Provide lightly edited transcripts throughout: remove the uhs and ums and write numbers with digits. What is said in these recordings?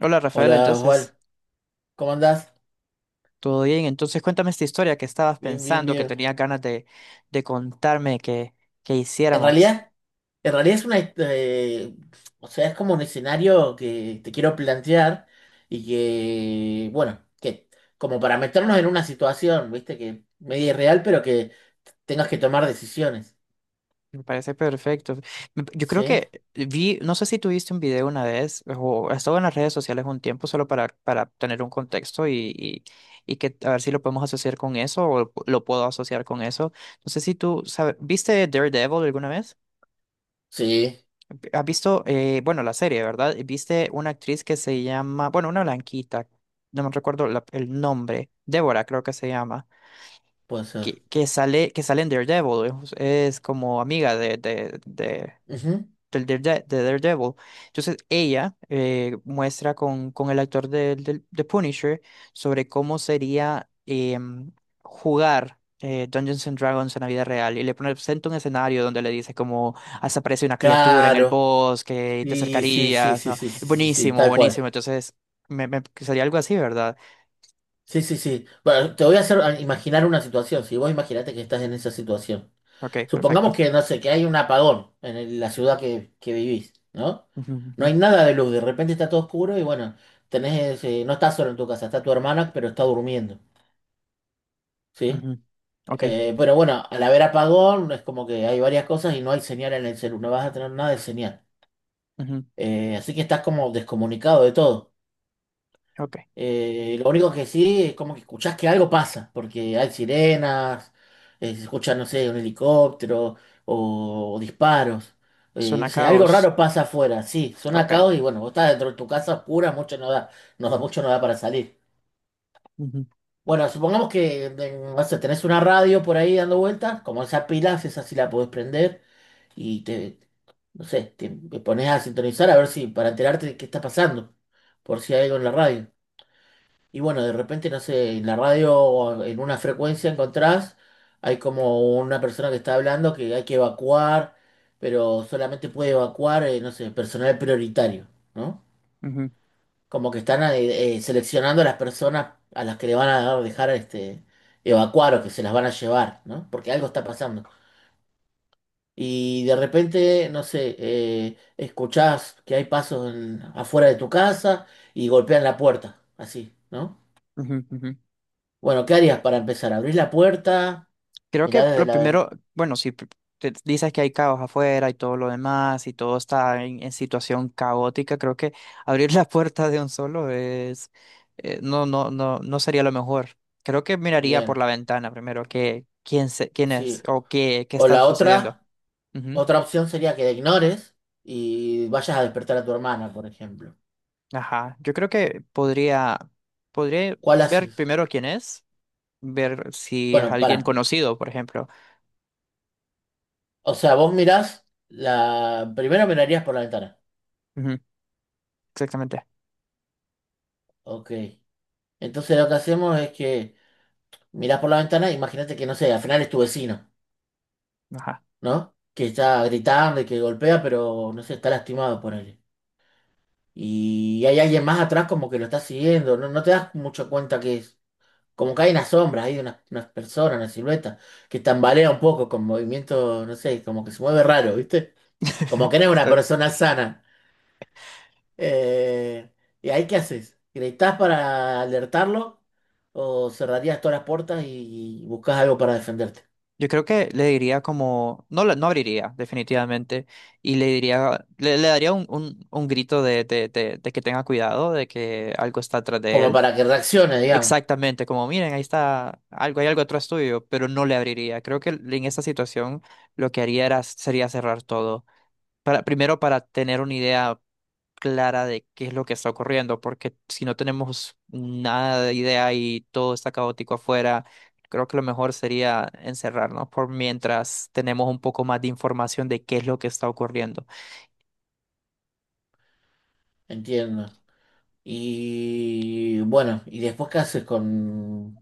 Hola Rafaela, Hola entonces, Juan, ¿cómo andás? ¿todo bien? Entonces, cuéntame esta historia que estabas Bien, bien, pensando, que bien. tenías ganas de contarme que En hiciéramos. realidad, en realidad, es una, o sea, es como un escenario que te quiero plantear y que, bueno, que como para meternos en una situación, viste, que media irreal, pero que tengas que tomar decisiones. Me parece perfecto. Yo creo ¿Sí? que vi, no sé si tuviste un video una vez o estaba en las redes sociales un tiempo solo para tener un contexto y que a ver si lo podemos asociar con eso o lo puedo asociar con eso. No sé si tú, sabes, ¿viste Daredevil alguna vez? Sí, ¿Has visto, bueno, la serie, ¿verdad? ¿Viste una actriz que se llama, bueno, una blanquita, no me recuerdo el nombre, Débora creo que se llama, puede ser. que sale en Daredevil, es como amiga de, de, de, Ujú. del Darede- de Daredevil. Entonces ella muestra con el actor Punisher sobre cómo sería jugar Dungeons and Dragons en la vida real y le presenta un escenario donde le dice como hasta aparece una criatura en el Claro. bosque y te Sí, sí, sí, acercarías, sí, ¿no? sí, sí, sí, sí, Buenísimo, tal cual. buenísimo. Entonces sería algo así, ¿verdad? Sí, sí, sí. Bueno, te voy a hacer a imaginar una situación, si vos imaginate que estás en esa situación. Ok, perfecto. Supongamos que, no sé, que hay un apagón en la ciudad que vivís, ¿no? Ujú, ujú, No hay nada de luz, de repente está todo oscuro y bueno, tenés, no estás solo en tu casa, está tu hermana, pero está durmiendo, ¿sí? ujú. Ok, Pero bueno, al haber apagón es como que hay varias cosas y no hay señal en el celular, no vas a tener nada de señal. ujú, Así que estás como descomunicado de todo. ok. Lo único que sí es como que escuchás que algo pasa, porque hay sirenas, se escucha, no sé, un helicóptero o disparos. Eh, Suena no a sé, algo caos. raro pasa afuera, sí, suena Ok. caos y bueno, vos estás dentro de tu casa oscura, mucho no da, mucho no da para salir. Ujú, Bueno, supongamos que no sé, tenés una radio por ahí dando vueltas, como esa pilas, esa sí la podés prender y te, no sé, te pones a sintonizar a ver si, para enterarte de qué está pasando, por si hay algo en la radio. Y bueno, de repente, no sé, en la radio o en una frecuencia encontrás, hay como una persona que está hablando que hay que evacuar, pero solamente puede evacuar, no sé, personal prioritario, ¿no? ujú, Como que están seleccionando a las personas a las que le van a dejar evacuar o que se las van a llevar, ¿no? Porque algo está pasando. Y de repente, no sé, escuchás que hay pasos afuera de tu casa y golpean la puerta, así, ¿no? ujú, ujú. Bueno, ¿qué harías para empezar? ¿Abrís la puerta? Creo Mirá que desde lo la ventana. primero, bueno, si pr- te dices que hay caos afuera y todo lo demás y todo está en situación caótica, creo que abrir la puerta de un solo es, no, no, no, no sería lo mejor. Creo que miraría por Bien, la ventana primero que quién es sí. o qué O está la sucediendo. otra, Ujú. otra opción sería que la ignores y vayas a despertar a tu hermana, por ejemplo. Ajá. Yo creo que podría ¿Cuál ver haces? primero quién es, ver si es Bueno, alguien para. conocido, por ejemplo. O sea, vos mirás la. Primero mirarías por la ventana. Ujú, exactamente. Ok. Entonces lo que hacemos es que mirás por la ventana, imagínate que, no sé, al final es tu vecino, Ajá. ¿no? Que está gritando y que golpea, pero no sé, está lastimado por él. Y hay alguien más atrás como que lo está siguiendo, no, no te das mucha cuenta que es. Como que hay una sombra, hay unas personas, una silueta, que tambalea un poco con movimiento, no sé, como que se mueve raro, ¿viste? Como que no es una Está persona sana. Eh, ¿y ahí qué haces? ¿Gritás para alertarlo? ¿O cerrarías todas las puertas y buscas algo para defenderte? Yo creo que le diría como, no, no abriría definitivamente y le diría, le daría un grito de que tenga cuidado, de que algo está atrás de Como él. para que reaccione, digamos. Exactamente, como miren, ahí está algo, hay algo atrás tuyo, pero no le abriría. Creo que en esta situación lo que haría sería cerrar todo primero para tener una idea clara de qué es lo que está ocurriendo, porque si no tenemos nada de idea y todo está caótico afuera, creo que lo mejor sería encerrarnos por mientras tenemos un poco más de información de qué es lo que está ocurriendo. Entiendo. Y bueno, ¿y después qué haces con,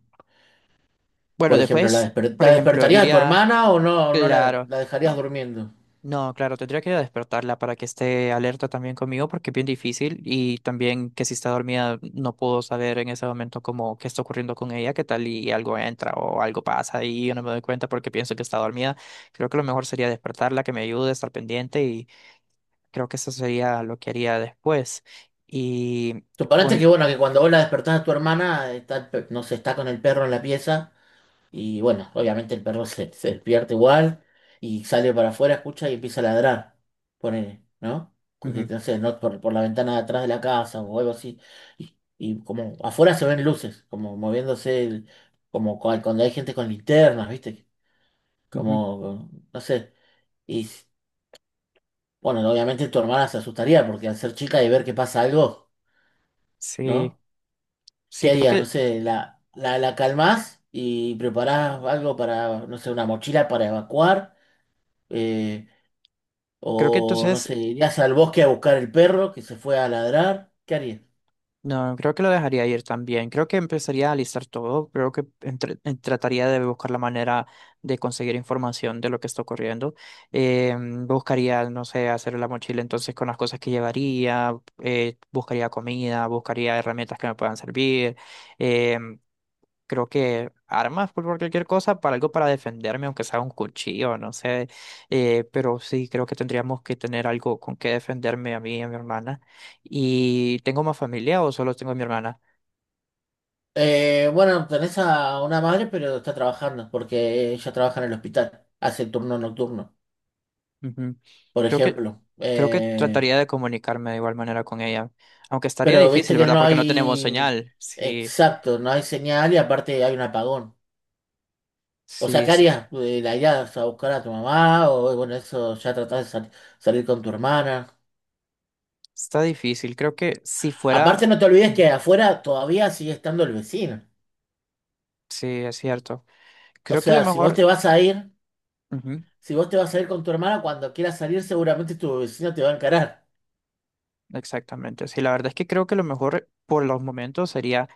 Bueno, por ejemplo, después, por la ejemplo, despertarías a tu iría, hermana o no la, claro, la dejarías no, durmiendo? No, claro, tendría que despertarla para que esté alerta también conmigo porque es bien difícil y también que si está dormida no puedo saber en ese momento como qué está ocurriendo con ella, qué tal y algo entra o algo pasa y yo no me doy cuenta porque pienso que está dormida. Creo que lo mejor sería despertarla, que me ayude a estar pendiente y creo que eso sería lo que haría después. Y Suponete que con... bueno, que cuando vos la despertás a tu hermana, está, no sé, está con el perro en la pieza, y bueno, obviamente el perro se despierta igual, y sale para afuera, escucha y empieza a ladrar, ponele, ¿no? Porque, Ujú, no sé, no, por la ventana de atrás de la casa o algo así, y como afuera se ven luces, como moviéndose, como cuando hay gente con linternas, ¿viste? ujú. Como, no sé, y bueno, obviamente tu hermana se asustaría, porque al ser chica y ver que pasa algo, Sí, ¿no? sí, ¿Qué creo harías? No que, sé, la calmás y preparás algo para, no sé, una mochila para evacuar. eh, creo que o, no entonces... sé, irías al bosque a buscar el perro que se fue a ladrar. ¿Qué harías? No, creo que lo dejaría ir también. Creo que empezaría a listar todo. Creo que trataría de buscar la manera de conseguir información de lo que está ocurriendo. Eh, buscaría, no sé, hacer la mochila entonces con las cosas que llevaría. Buscaría comida, buscaría herramientas que me puedan servir. eh, creo que armas pues, por cualquier cosa, para algo para defenderme, aunque sea un cuchillo, no sé. Pero sí, creo que tendríamos que tener algo con que defenderme a mí y a mi hermana. ¿Y tengo más familia o solo tengo a mi hermana? Bueno, tenés a una madre, pero está trabajando, porque ella trabaja en el hospital, hace el turno nocturno, Ujú. por Creo que, ejemplo. creo que Eh, trataría de comunicarme de igual manera con ella. Aunque estaría pero viste difícil, que ¿verdad? no Porque no tenemos hay, señal. Sí, exacto, no hay señal y aparte hay un apagón. O sea, sí, ¿qué harías? ¿La irías a buscar a tu mamá? O bueno, eso ya tratás de salir con tu hermana. está difícil. Creo que si fuera... Aparte, no te olvides que afuera todavía sigue estando el vecino. Sí, es cierto. O Creo que a lo sea, si vos mejor... te vas a ir, si vos te vas a ir con tu hermana, cuando quieras salir, seguramente tu vecino te va a encarar. Exactamente, sí, la verdad es que creo que lo mejor por los momentos sería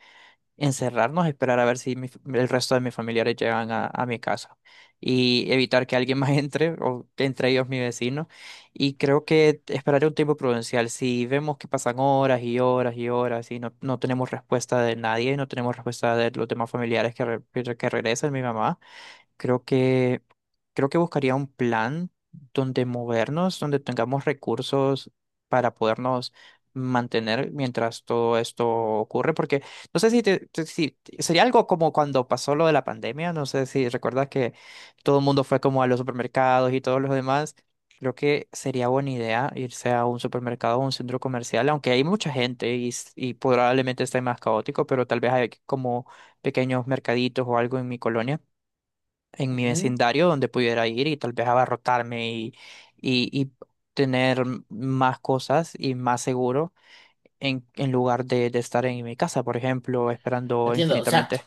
encerrarnos, esperar a ver si el resto de mis familiares llegan a mi casa y evitar que alguien más entre, o entre ellos mi vecino. Y creo que esperaré un tiempo prudencial. Si vemos que pasan horas y horas y horas y no tenemos respuesta de nadie, no tenemos respuesta de los demás familiares que regresan, mi mamá. Creo que, creo que buscaría un plan donde movernos, donde tengamos recursos para podernos mantener mientras todo esto ocurre, porque no sé sería algo como cuando pasó lo de la pandemia, no sé si recuerdas que todo el mundo fue como a los supermercados y todos los demás. Creo que sería buena idea irse a un supermercado o un centro comercial, aunque hay mucha gente y probablemente esté más caótico, pero tal vez hay como pequeños mercaditos o algo en mi colonia en mi Ujú. vecindario donde pudiera ir y tal vez abarrotarme y tener más cosas y más seguro en lugar de estar en mi casa, por ejemplo, esperando Entiendo, o sea, infinitamente.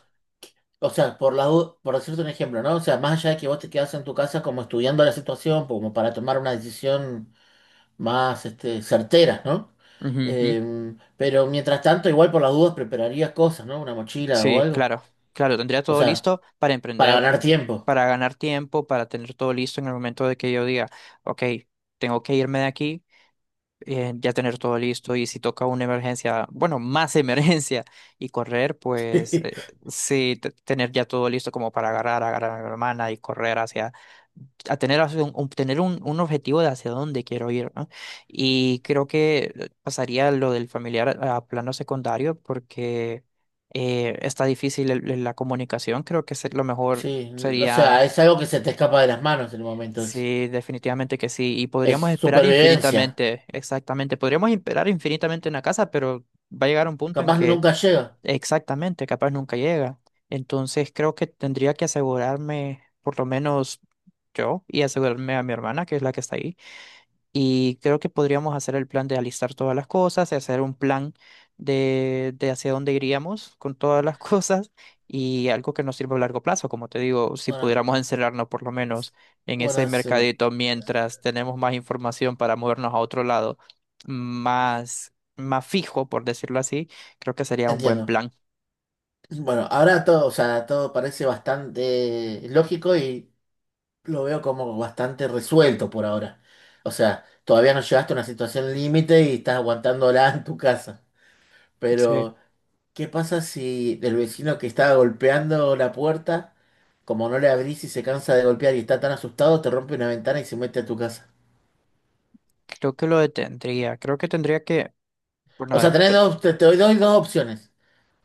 o sea, por por decirte un ejemplo, ¿no? O sea, más allá de que vos te quedás en tu casa como estudiando la situación, como para tomar una decisión más certeras, ¿no? Ujú, ujú. Pero mientras tanto, igual por las dudas prepararías cosas, ¿no? Una mochila o Sí, algo. claro, claro, tendría O todo sea, listo para para emprender, ganar tiempo. para ganar tiempo, para tener todo listo en el momento de que yo diga, ok, tengo que irme de aquí. Ya tener todo listo y si toca una emergencia, bueno, más emergencia y correr, pues sí, tener ya todo listo como para agarrar a mi hermana y correr hacia, a tener, hacia un- tener un objetivo de hacia dónde quiero ir, ¿no? Y creo que pasaría lo del familiar a plano secundario porque está difícil la comunicación, creo que lo mejor Sí, o sería. sea, es algo que se te escapa de las manos en el momento. Es, Sí, definitivamente que sí. Y es podríamos esperar supervivencia. infinitamente, exactamente. Podríamos esperar infinitamente una casa, pero va a llegar un punto en Capaz que nunca llega. exactamente, capaz nunca llega. Entonces creo que tendría que asegurarme, por lo menos yo, y asegurarme a mi hermana, que es la que está ahí. Y creo que podríamos hacer el plan de alistar todas las cosas, de hacer un plan de hacia dónde iríamos con todas las cosas y algo que nos sirva a largo plazo. Como te digo, si Bueno, pudiéramos encerrarnos por lo menos en ese bueno, mercadito mientras tenemos más información para movernos a otro lado, más fijo, por decirlo así, creo que sería un buen entiendo. plan. Bueno, ahora todo, o sea, todo parece bastante lógico y lo veo como bastante resuelto por ahora. O sea, todavía no llegaste a una situación límite y estás aguantándola en tu casa. Sí, Pero, ¿qué pasa si el vecino que está golpeando la puerta, como no le abrís y se cansa de golpear y está tan asustado, te rompe una ventana y se mete a tu casa? creo que lo detendría. Creo que tendría que, bueno, O sea, tenés dos, te doy dos opciones.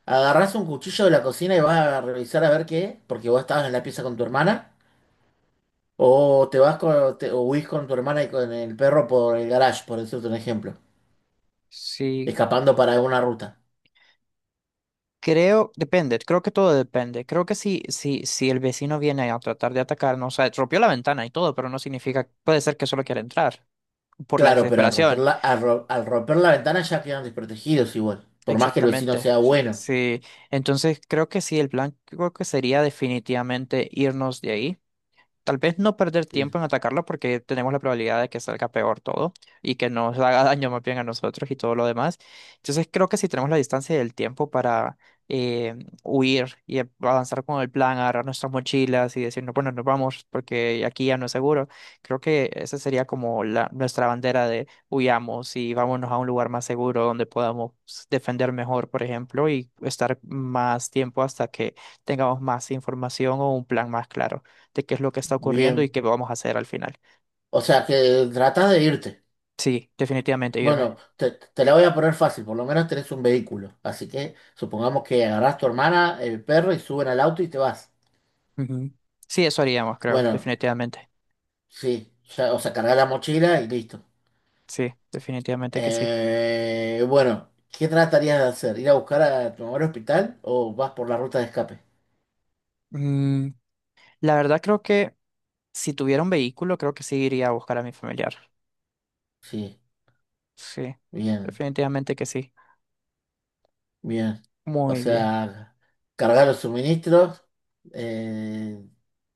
Agarrás un cuchillo de la cocina y vas a revisar a ver qué, es, porque vos estabas en la pieza con tu hermana, o te vas o huís con tu hermana y con el perro por el garage, por decirte un ejemplo, sí. escapando para alguna ruta. Creo, depende, creo que todo depende. Creo que si, el vecino viene a tratar de atacarnos, o sea, rompió la ventana y todo, pero no significa, puede ser que solo quiera entrar por la Claro, pero al romper desesperación. La ventana ya quedan desprotegidos igual, por más que el vecino Exactamente. sea Sí. bueno. Sí. Entonces creo que sí, el plan creo que sería definitivamente irnos de ahí. Tal vez no perder tiempo Sí, en atacarlo porque tenemos la probabilidad de que salga peor todo y que nos haga daño más bien a nosotros y todo lo demás. Entonces creo que si tenemos la distancia y el tiempo para eh, huir y avanzar con el plan, agarrar nuestras mochilas y decir, no, bueno, nos vamos porque aquí ya no es seguro, creo que esa sería como nuestra bandera de huyamos y vámonos a un lugar más seguro donde podamos defender mejor, por ejemplo, y estar más tiempo hasta que tengamos más información o un plan más claro de qué es lo que está ocurriendo y bien. qué vamos a hacer al final. O sea, que tratas de irte. Sí, definitivamente irme. Bueno, te la voy a poner fácil, por lo menos tenés un vehículo. Así que supongamos que agarrás tu hermana, el perro, y suben al auto y te vas. Ujú. Sí, eso haríamos, creo, Bueno, definitivamente. sí, ya, o sea, cargás la mochila y listo. Sí, definitivamente que sí. Bueno, ¿qué tratarías de hacer? ¿Ir a buscar a tu mamá al hospital o vas por la ruta de escape? Mm, la verdad creo que si tuviera un vehículo, creo que sí iría a buscar a mi familiar. Sí, Sí, bien, definitivamente que sí. bien. O Muy bien, sea, cargar los suministros, eh,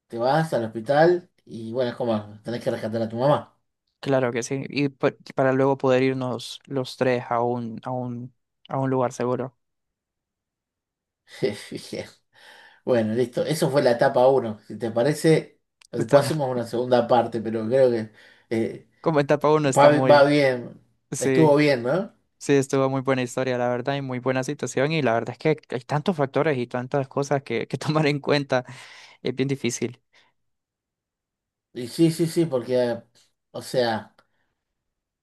Te vas al hospital y bueno, es como tenés que rescatar a tu mamá. claro que sí. Y para luego poder irnos los tres a un lugar seguro. Bueno, listo. Eso fue la etapa uno. Si te parece, Está, después hacemos una segunda parte, pero creo que eh, como etapa uno está va muy... bien. Estuvo Sí. bien, ¿no? Sí, estuvo muy buena historia, la verdad, y muy buena situación. Y la verdad es que hay tantos factores y tantas cosas que tomar en cuenta. Es bien difícil. Y sí, sí, sí, porque, o sea,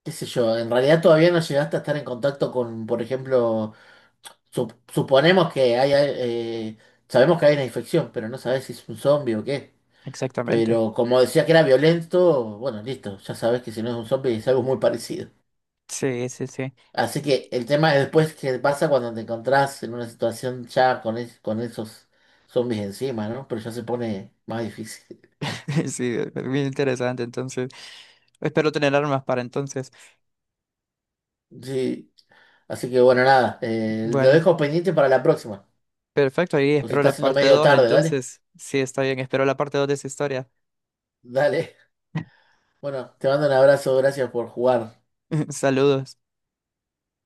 qué sé yo, en realidad todavía no llegaste a estar en contacto con, por ejemplo, suponemos que hay, eh, sabemos que hay una infección, pero no sabes si es un zombie o qué. Exactamente. Pero como decía que era violento, bueno, listo, ya sabes que si no es un zombie es algo muy parecido. Sí, sí, sí. Así que el tema es después qué pasa cuando te encontrás en una situación ya con esos zombies encima, ¿no? Pero ya se pone más difícil. Sí, es bien interesante. Entonces, espero tener armas para entonces. Sí, así que bueno, nada, lo Bueno, dejo pendiente para la próxima. perfecto. Y Pues se espero está la haciendo parte medio dos. tarde, dale. Entonces, sí, está bien. Espero la parte 2 de esa historia. Dale. Bueno, te mando un abrazo, gracias por jugar. Saludos.